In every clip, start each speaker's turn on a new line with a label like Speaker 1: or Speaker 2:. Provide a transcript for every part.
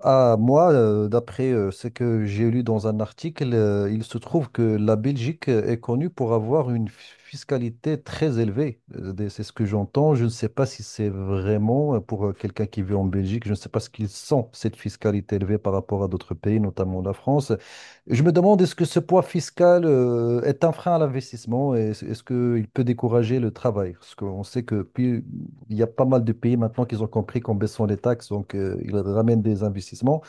Speaker 1: Ah, moi, d'après ce que j'ai lu dans un article, il se trouve que la Belgique est connue pour avoir une fiscalité très élevée. C'est ce que j'entends. Je ne sais pas si c'est vraiment pour quelqu'un qui vit en Belgique. Je ne sais pas ce qu'il sent, cette fiscalité élevée par rapport à d'autres pays, notamment la France. Je me demande, est-ce que ce poids fiscal est un frein à l'investissement et est-ce qu'il peut décourager le travail? Parce qu'on sait que plus, il y a pas mal de pays maintenant qu'ils ont compris qu'en baissant les taxes, donc ils ramènent des investissements.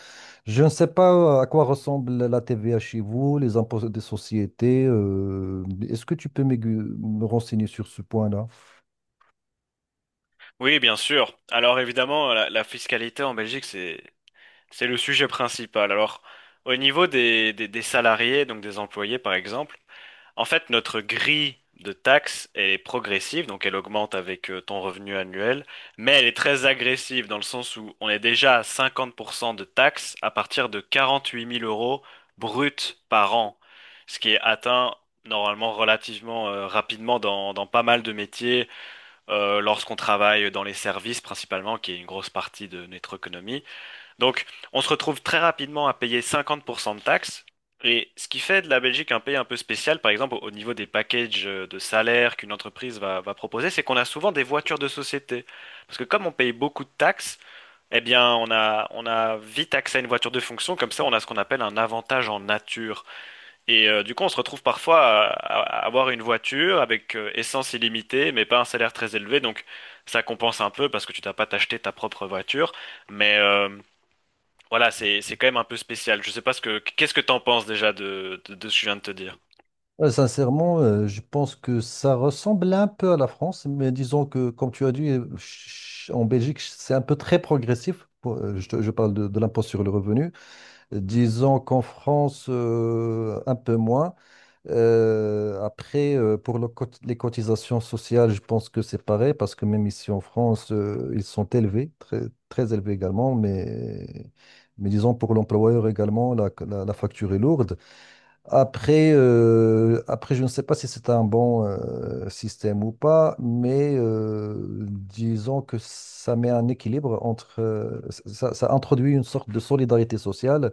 Speaker 1: Je ne sais pas à quoi ressemble la TVA chez vous, les impôts des sociétés. Est-ce que tu peux me renseigner sur ce point-là?
Speaker 2: Oui, bien sûr. Alors évidemment, la fiscalité en Belgique, c'est le sujet principal. Alors au niveau des salariés, donc des employés par exemple, en fait notre grille de taxes est progressive, donc elle augmente avec ton revenu annuel, mais elle est très agressive dans le sens où on est déjà à 50% de taxes à partir de 48 000 euros bruts par an, ce qui est atteint normalement relativement rapidement dans pas mal de métiers lorsqu'on travaille dans les services principalement, qui est une grosse partie de notre économie. Donc, on se retrouve très rapidement à payer 50% de taxes. Et ce qui fait de la Belgique un pays un peu spécial, par exemple au niveau des packages de salaire qu'une entreprise va proposer, c'est qu'on a souvent des voitures de société. Parce que comme on paye beaucoup de taxes, eh bien on a vite accès à une voiture de fonction, comme ça on a ce qu'on appelle un avantage en nature. Et du coup, on se retrouve parfois à avoir une voiture avec essence illimitée, mais pas un salaire très élevé. Donc, ça compense un peu parce que tu n'as pas t'acheter ta propre voiture. Mais voilà, c'est quand même un peu spécial. Je sais pas ce que qu'est-ce que t'en penses déjà de ce que je viens de te dire.
Speaker 1: Sincèrement, je pense que ça ressemble un peu à la France, mais disons que, comme tu as dit, en Belgique, c'est un peu très progressif. Je, je parle de l'impôt sur le revenu.
Speaker 2: Mhm.
Speaker 1: Disons qu'en France, un peu moins. Après, pour le les cotisations sociales, je pense que c'est pareil parce que même ici en France, ils sont élevés, très, très élevés également, mais disons pour l'employeur également, la facture est lourde. Après, après, je ne sais pas si c'est un bon système ou pas, mais disons que ça met un équilibre entre, ça introduit une sorte de solidarité sociale.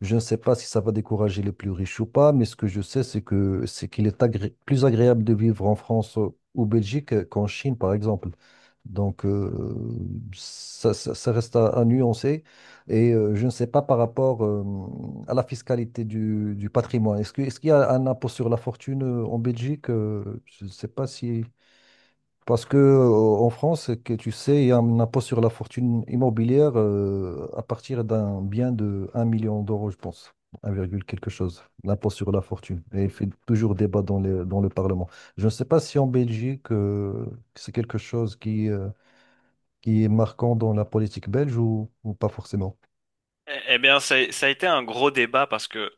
Speaker 1: Je ne sais pas si ça va décourager les plus riches ou pas, mais ce que je sais, c'est que c'est qu'il est plus agréable de vivre en France ou Belgique qu'en Chine, par exemple. Donc, ça, ça reste à nuancer. Et je ne sais pas par rapport à la fiscalité du patrimoine. Est-ce qu'il y a un impôt sur la fortune en Belgique? Je ne sais pas si... Parce que en France, que tu sais, il y a un impôt sur la fortune immobilière à partir d'un bien de 1 million d'euros, je pense. Un virgule quelque chose. L'impôt sur la fortune. Et il fait toujours débat dans le Parlement. Je ne sais pas si en Belgique, c'est quelque chose qui est marquant dans la politique belge ou pas forcément.
Speaker 2: Eh bien, ça a été un gros débat parce que,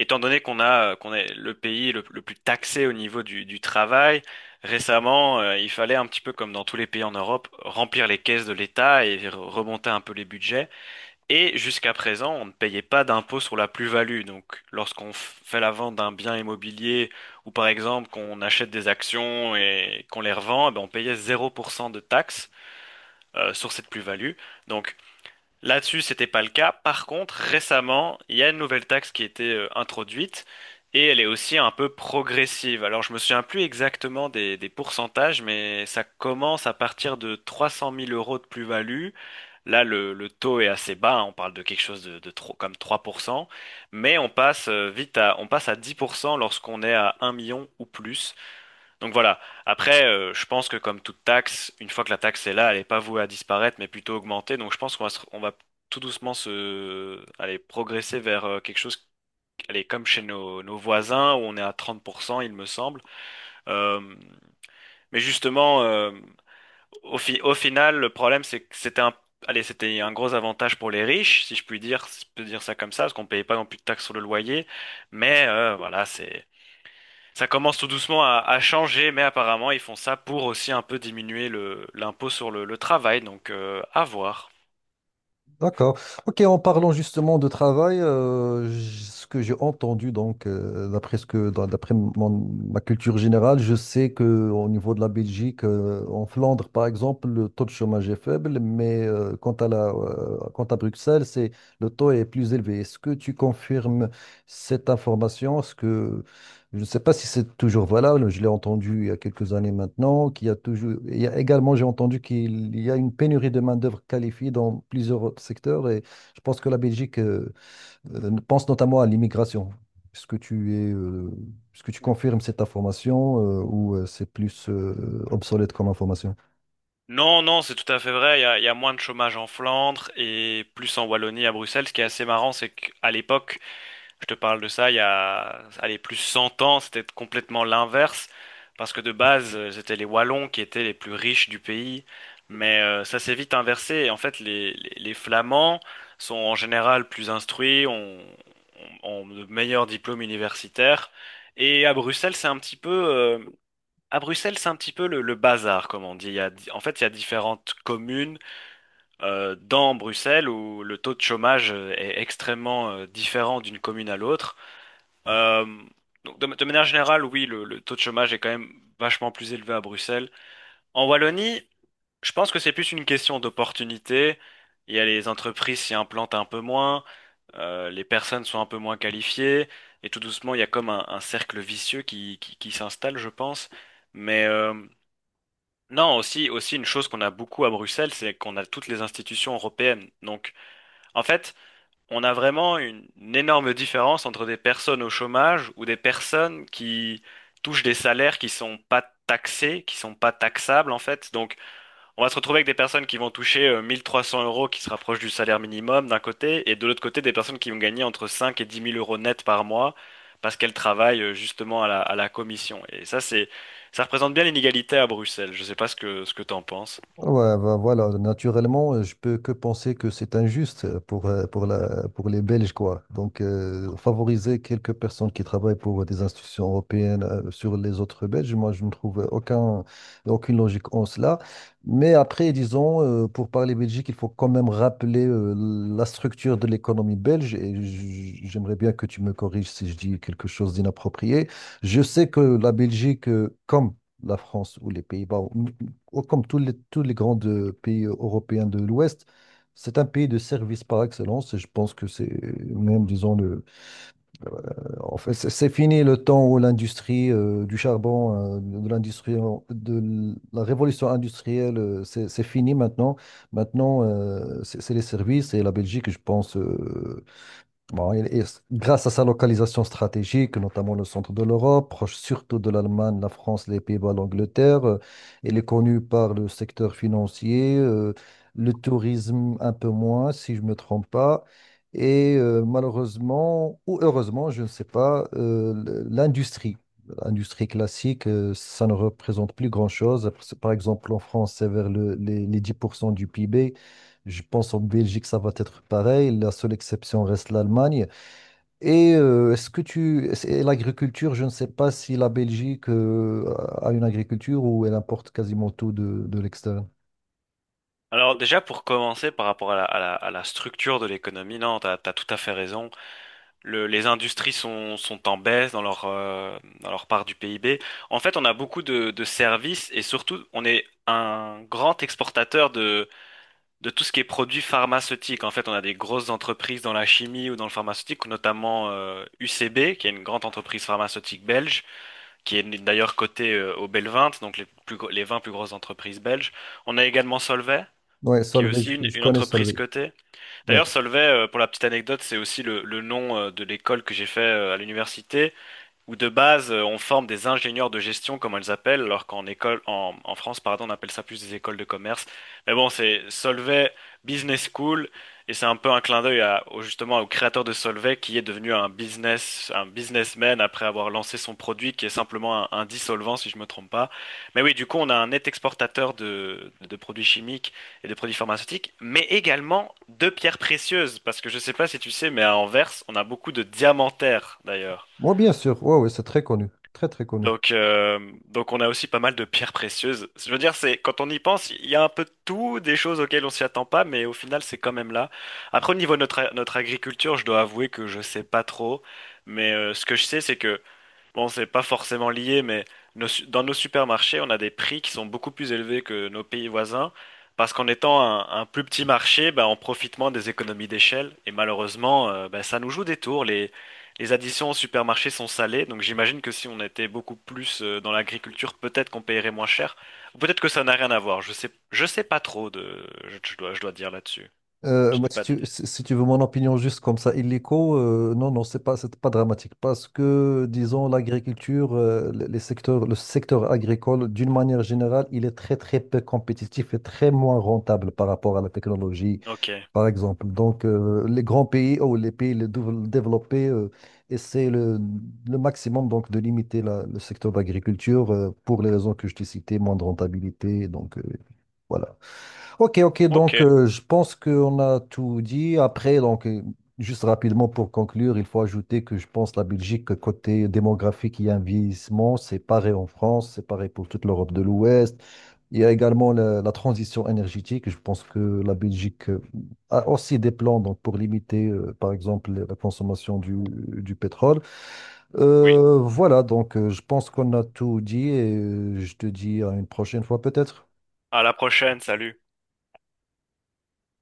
Speaker 2: étant donné qu'on a, qu'on est le pays le plus taxé au niveau du travail, récemment, il fallait un petit peu comme dans tous les pays en Europe, remplir les caisses de l'État et remonter un peu les budgets. Et jusqu'à présent, on ne payait pas d'impôt sur la plus-value. Donc, lorsqu'on fait la vente d'un bien immobilier ou par exemple qu'on achète des actions et qu'on les revend, eh ben, on payait 0% de taxes sur cette plus-value. Donc, là-dessus, c'était pas le cas. Par contre, récemment, il y a une nouvelle taxe qui a été introduite et elle est aussi un peu progressive. Alors, je me souviens plus exactement des pourcentages, mais ça commence à partir de 300 000 euros de plus-value. Là, le taux est assez bas, hein, on parle de quelque chose de trop, comme 3%, mais on passe vite à, on passe à 10% lorsqu'on est à 1 million ou plus. Donc voilà. Après, je pense que comme toute taxe, une fois que la taxe est là, elle n'est pas vouée à disparaître, mais plutôt augmenter. Donc je pense qu'on va, on va tout doucement se, aller progresser vers quelque chose, allez, comme chez nos voisins, où on est à 30%, il me semble. Euh, mais justement, au, au final, le problème, c'est que c'était un, allez, c'était un gros avantage pour les riches, si je puis dire, si je peux dire ça comme ça, parce qu'on payait pas non plus de taxes sur le loyer. Mais voilà, c'est ça commence tout doucement à changer, mais apparemment ils font ça pour aussi un peu diminuer le, l'impôt sur le travail, donc à voir.
Speaker 1: D'accord. Ok, en parlant justement de travail, ce que j'ai entendu, donc, d'après ce que, d'après ma culture générale, je sais que au niveau de la Belgique, en Flandre, par exemple, le taux de chômage est faible, mais quant à la, quant à Bruxelles, c'est, le taux est plus élevé. Est-ce que tu confirmes cette information? Est-ce que je ne sais pas si c'est toujours valable, je l'ai entendu il y a quelques années maintenant, qu'il y a toujours, il y a également, j'ai entendu qu'il y a une pénurie de main-d'œuvre qualifiée dans plusieurs secteurs et je pense que la Belgique pense notamment à l'immigration. Est-ce que tu es, est-ce que tu confirmes cette information ou c'est plus obsolète comme information?
Speaker 2: Non, non, c'est tout à fait vrai, il y a moins de chômage en Flandre et plus en Wallonie à Bruxelles. Ce qui est assez marrant, c'est qu'à l'époque, je te parle de ça il y a, allez, plus 100 ans, c'était complètement l'inverse, parce que de base, c'était les Wallons qui étaient les plus riches du pays, mais ça s'est vite inversé, et en fait, les Flamands sont en général plus instruits, ont, ont de meilleurs diplômes universitaires, et à Bruxelles, c'est un petit peu... à Bruxelles, c'est un petit peu le bazar, comme on dit. Il y a, en fait, il y a différentes communes dans Bruxelles où le taux de chômage est extrêmement différent d'une commune à l'autre. Euh, donc de manière générale, oui, le taux de chômage est quand même vachement plus élevé à Bruxelles. En Wallonie, je pense que c'est plus une question d'opportunité. Il y a les entreprises s'y implantent un peu moins, les personnes sont un peu moins qualifiées, et tout doucement, il y a comme un cercle vicieux qui s'installe, je pense. Mais non, aussi, aussi une chose qu'on a beaucoup à Bruxelles, c'est qu'on a toutes les institutions européennes. Donc, en fait, on a vraiment une énorme différence entre des personnes au chômage ou des personnes qui touchent des salaires qui sont pas taxés, qui sont pas taxables en fait. Donc on va se retrouver avec des personnes qui vont toucher 1 300 euros qui se rapprochent du salaire minimum d'un côté et de l'autre côté des personnes qui vont gagner entre 5 et 10 000 euros net par mois parce qu'elles travaillent justement à la commission. Et ça représente bien l'inégalité à Bruxelles. Je sais pas ce que ce que t'en penses.
Speaker 1: Ouais, ben voilà, naturellement, je peux que penser que c'est injuste pour la, pour les Belges, quoi. Donc, favoriser quelques personnes qui travaillent pour des institutions européennes sur les autres Belges, moi, je ne trouve aucun, aucune logique en cela. Mais après, disons, pour parler Belgique, il faut quand même rappeler la structure de l'économie belge. Et j'aimerais bien que tu me corriges si je dis quelque chose d'inapproprié. Je sais que la Belgique, comme la France ou les Pays-Bas comme tous les grands pays européens de l'Ouest, c'est un pays de services par excellence. Et je pense que c'est même, disons, le, en fait, c'est fini le temps où l'industrie du charbon, de l'industrie, de la révolution industrielle, c'est fini maintenant. Maintenant, c'est les services et la Belgique, je pense. Bon, grâce à sa localisation stratégique, notamment le centre de l'Europe, proche surtout de l'Allemagne, la France, les Pays-Bas, l'Angleterre, il est connu par le secteur financier, le tourisme un peu moins, si je ne me trompe pas. Et malheureusement, ou heureusement, je ne sais pas, l'industrie. L'industrie classique, ça ne représente plus grand-chose. Par exemple, en France, c'est vers les 10% du PIB. Je pense en Belgique, ça va être pareil. La seule exception reste l'Allemagne. Et est-ce que tu... L'agriculture, je ne sais pas si la Belgique a une agriculture ou elle importe quasiment tout de l'extérieur.
Speaker 2: Alors déjà pour commencer par rapport à la, à la, à la structure de l'économie, non, t'as tout à fait raison. Les industries sont en baisse dans leur part du PIB. En fait, on a beaucoup de services et surtout, on est un grand exportateur de tout ce qui est produits pharmaceutiques. En fait, on a des grosses entreprises dans la chimie ou dans le pharmaceutique, notamment UCB, qui est une grande entreprise pharmaceutique belge, qui est d'ailleurs cotée au bel, donc les, plus, les 20 plus grosses entreprises belges. On a également Solvay,
Speaker 1: Ouais,
Speaker 2: qui est
Speaker 1: Solvay,
Speaker 2: aussi
Speaker 1: je
Speaker 2: une
Speaker 1: connais
Speaker 2: entreprise
Speaker 1: Solvay.
Speaker 2: cotée.
Speaker 1: Ouais.
Speaker 2: D'ailleurs, Solvay, pour la petite anecdote, c'est aussi le nom de l'école que j'ai fait à l'université où de base, on forme des ingénieurs de gestion, comme on les appelle, alors qu'en école, en France, pardon, on appelle ça plus des écoles de commerce. Mais bon, c'est Solvay Business School, et c'est un peu un clin d'œil à, justement au créateur de Solvay, qui est devenu un business, un businessman après avoir lancé son produit, qui est simplement un dissolvant, si je me trompe pas. Mais oui, du coup, on a un net exportateur de produits chimiques et de produits pharmaceutiques, mais également de pierres précieuses, parce que je sais pas si tu sais, mais à Anvers, on a beaucoup de diamantaires, d'ailleurs.
Speaker 1: Moi, bien sûr. Ouais, ouais, c'est très connu. Très, très connu.
Speaker 2: Donc on a aussi pas mal de pierres précieuses. Je veux dire, c'est quand on y pense, il y a un peu de tout, des choses auxquelles on s'y attend pas, mais au final, c'est quand même là. Après, au niveau de notre, notre agriculture, je dois avouer que je sais pas trop, mais ce que je sais, c'est que, bon, c'est pas forcément lié, mais dans nos supermarchés, on a des prix qui sont beaucoup plus élevés que nos pays voisins, parce qu'en étant un plus petit marché, ben, on profite moins des économies d'échelle, et malheureusement, ben, ça nous joue des tours. Les additions au supermarché sont salées, donc j'imagine que si on était beaucoup plus dans l'agriculture, peut-être qu'on payerait moins cher, ou peut-être que ça n'a rien à voir. Je sais pas trop de, je dois dire là-dessus. Je
Speaker 1: Moi,
Speaker 2: n'ai
Speaker 1: si
Speaker 2: pas
Speaker 1: tu,
Speaker 2: d'idée.
Speaker 1: si si tu veux mon opinion juste comme ça, illico, non, non, c'est pas dramatique parce que, disons, l'agriculture, les secteurs, le secteur agricole, d'une manière générale, il est très, très peu compétitif et très moins rentable par rapport à la technologie,
Speaker 2: Ok,
Speaker 1: par exemple. Donc, les grands pays ou les pays les développés essaient le maximum donc, de limiter le secteur de l'agriculture pour les raisons que je t'ai citées, moins de rentabilité. Donc, voilà. Ok, ok,
Speaker 2: ok,
Speaker 1: donc je pense qu'on a tout dit. Après, donc, juste rapidement pour conclure, il faut ajouter que je pense la Belgique, côté démographique, il y a un vieillissement, c'est pareil en France, c'est pareil pour toute l'Europe de l'Ouest. Il y a également la, la transition énergétique. Je pense que la Belgique a aussi des plans donc, pour limiter, par exemple, la consommation du pétrole.
Speaker 2: oui.
Speaker 1: Voilà, donc je pense qu'on a tout dit et je te dis à une prochaine fois peut-être.
Speaker 2: À la prochaine, salut.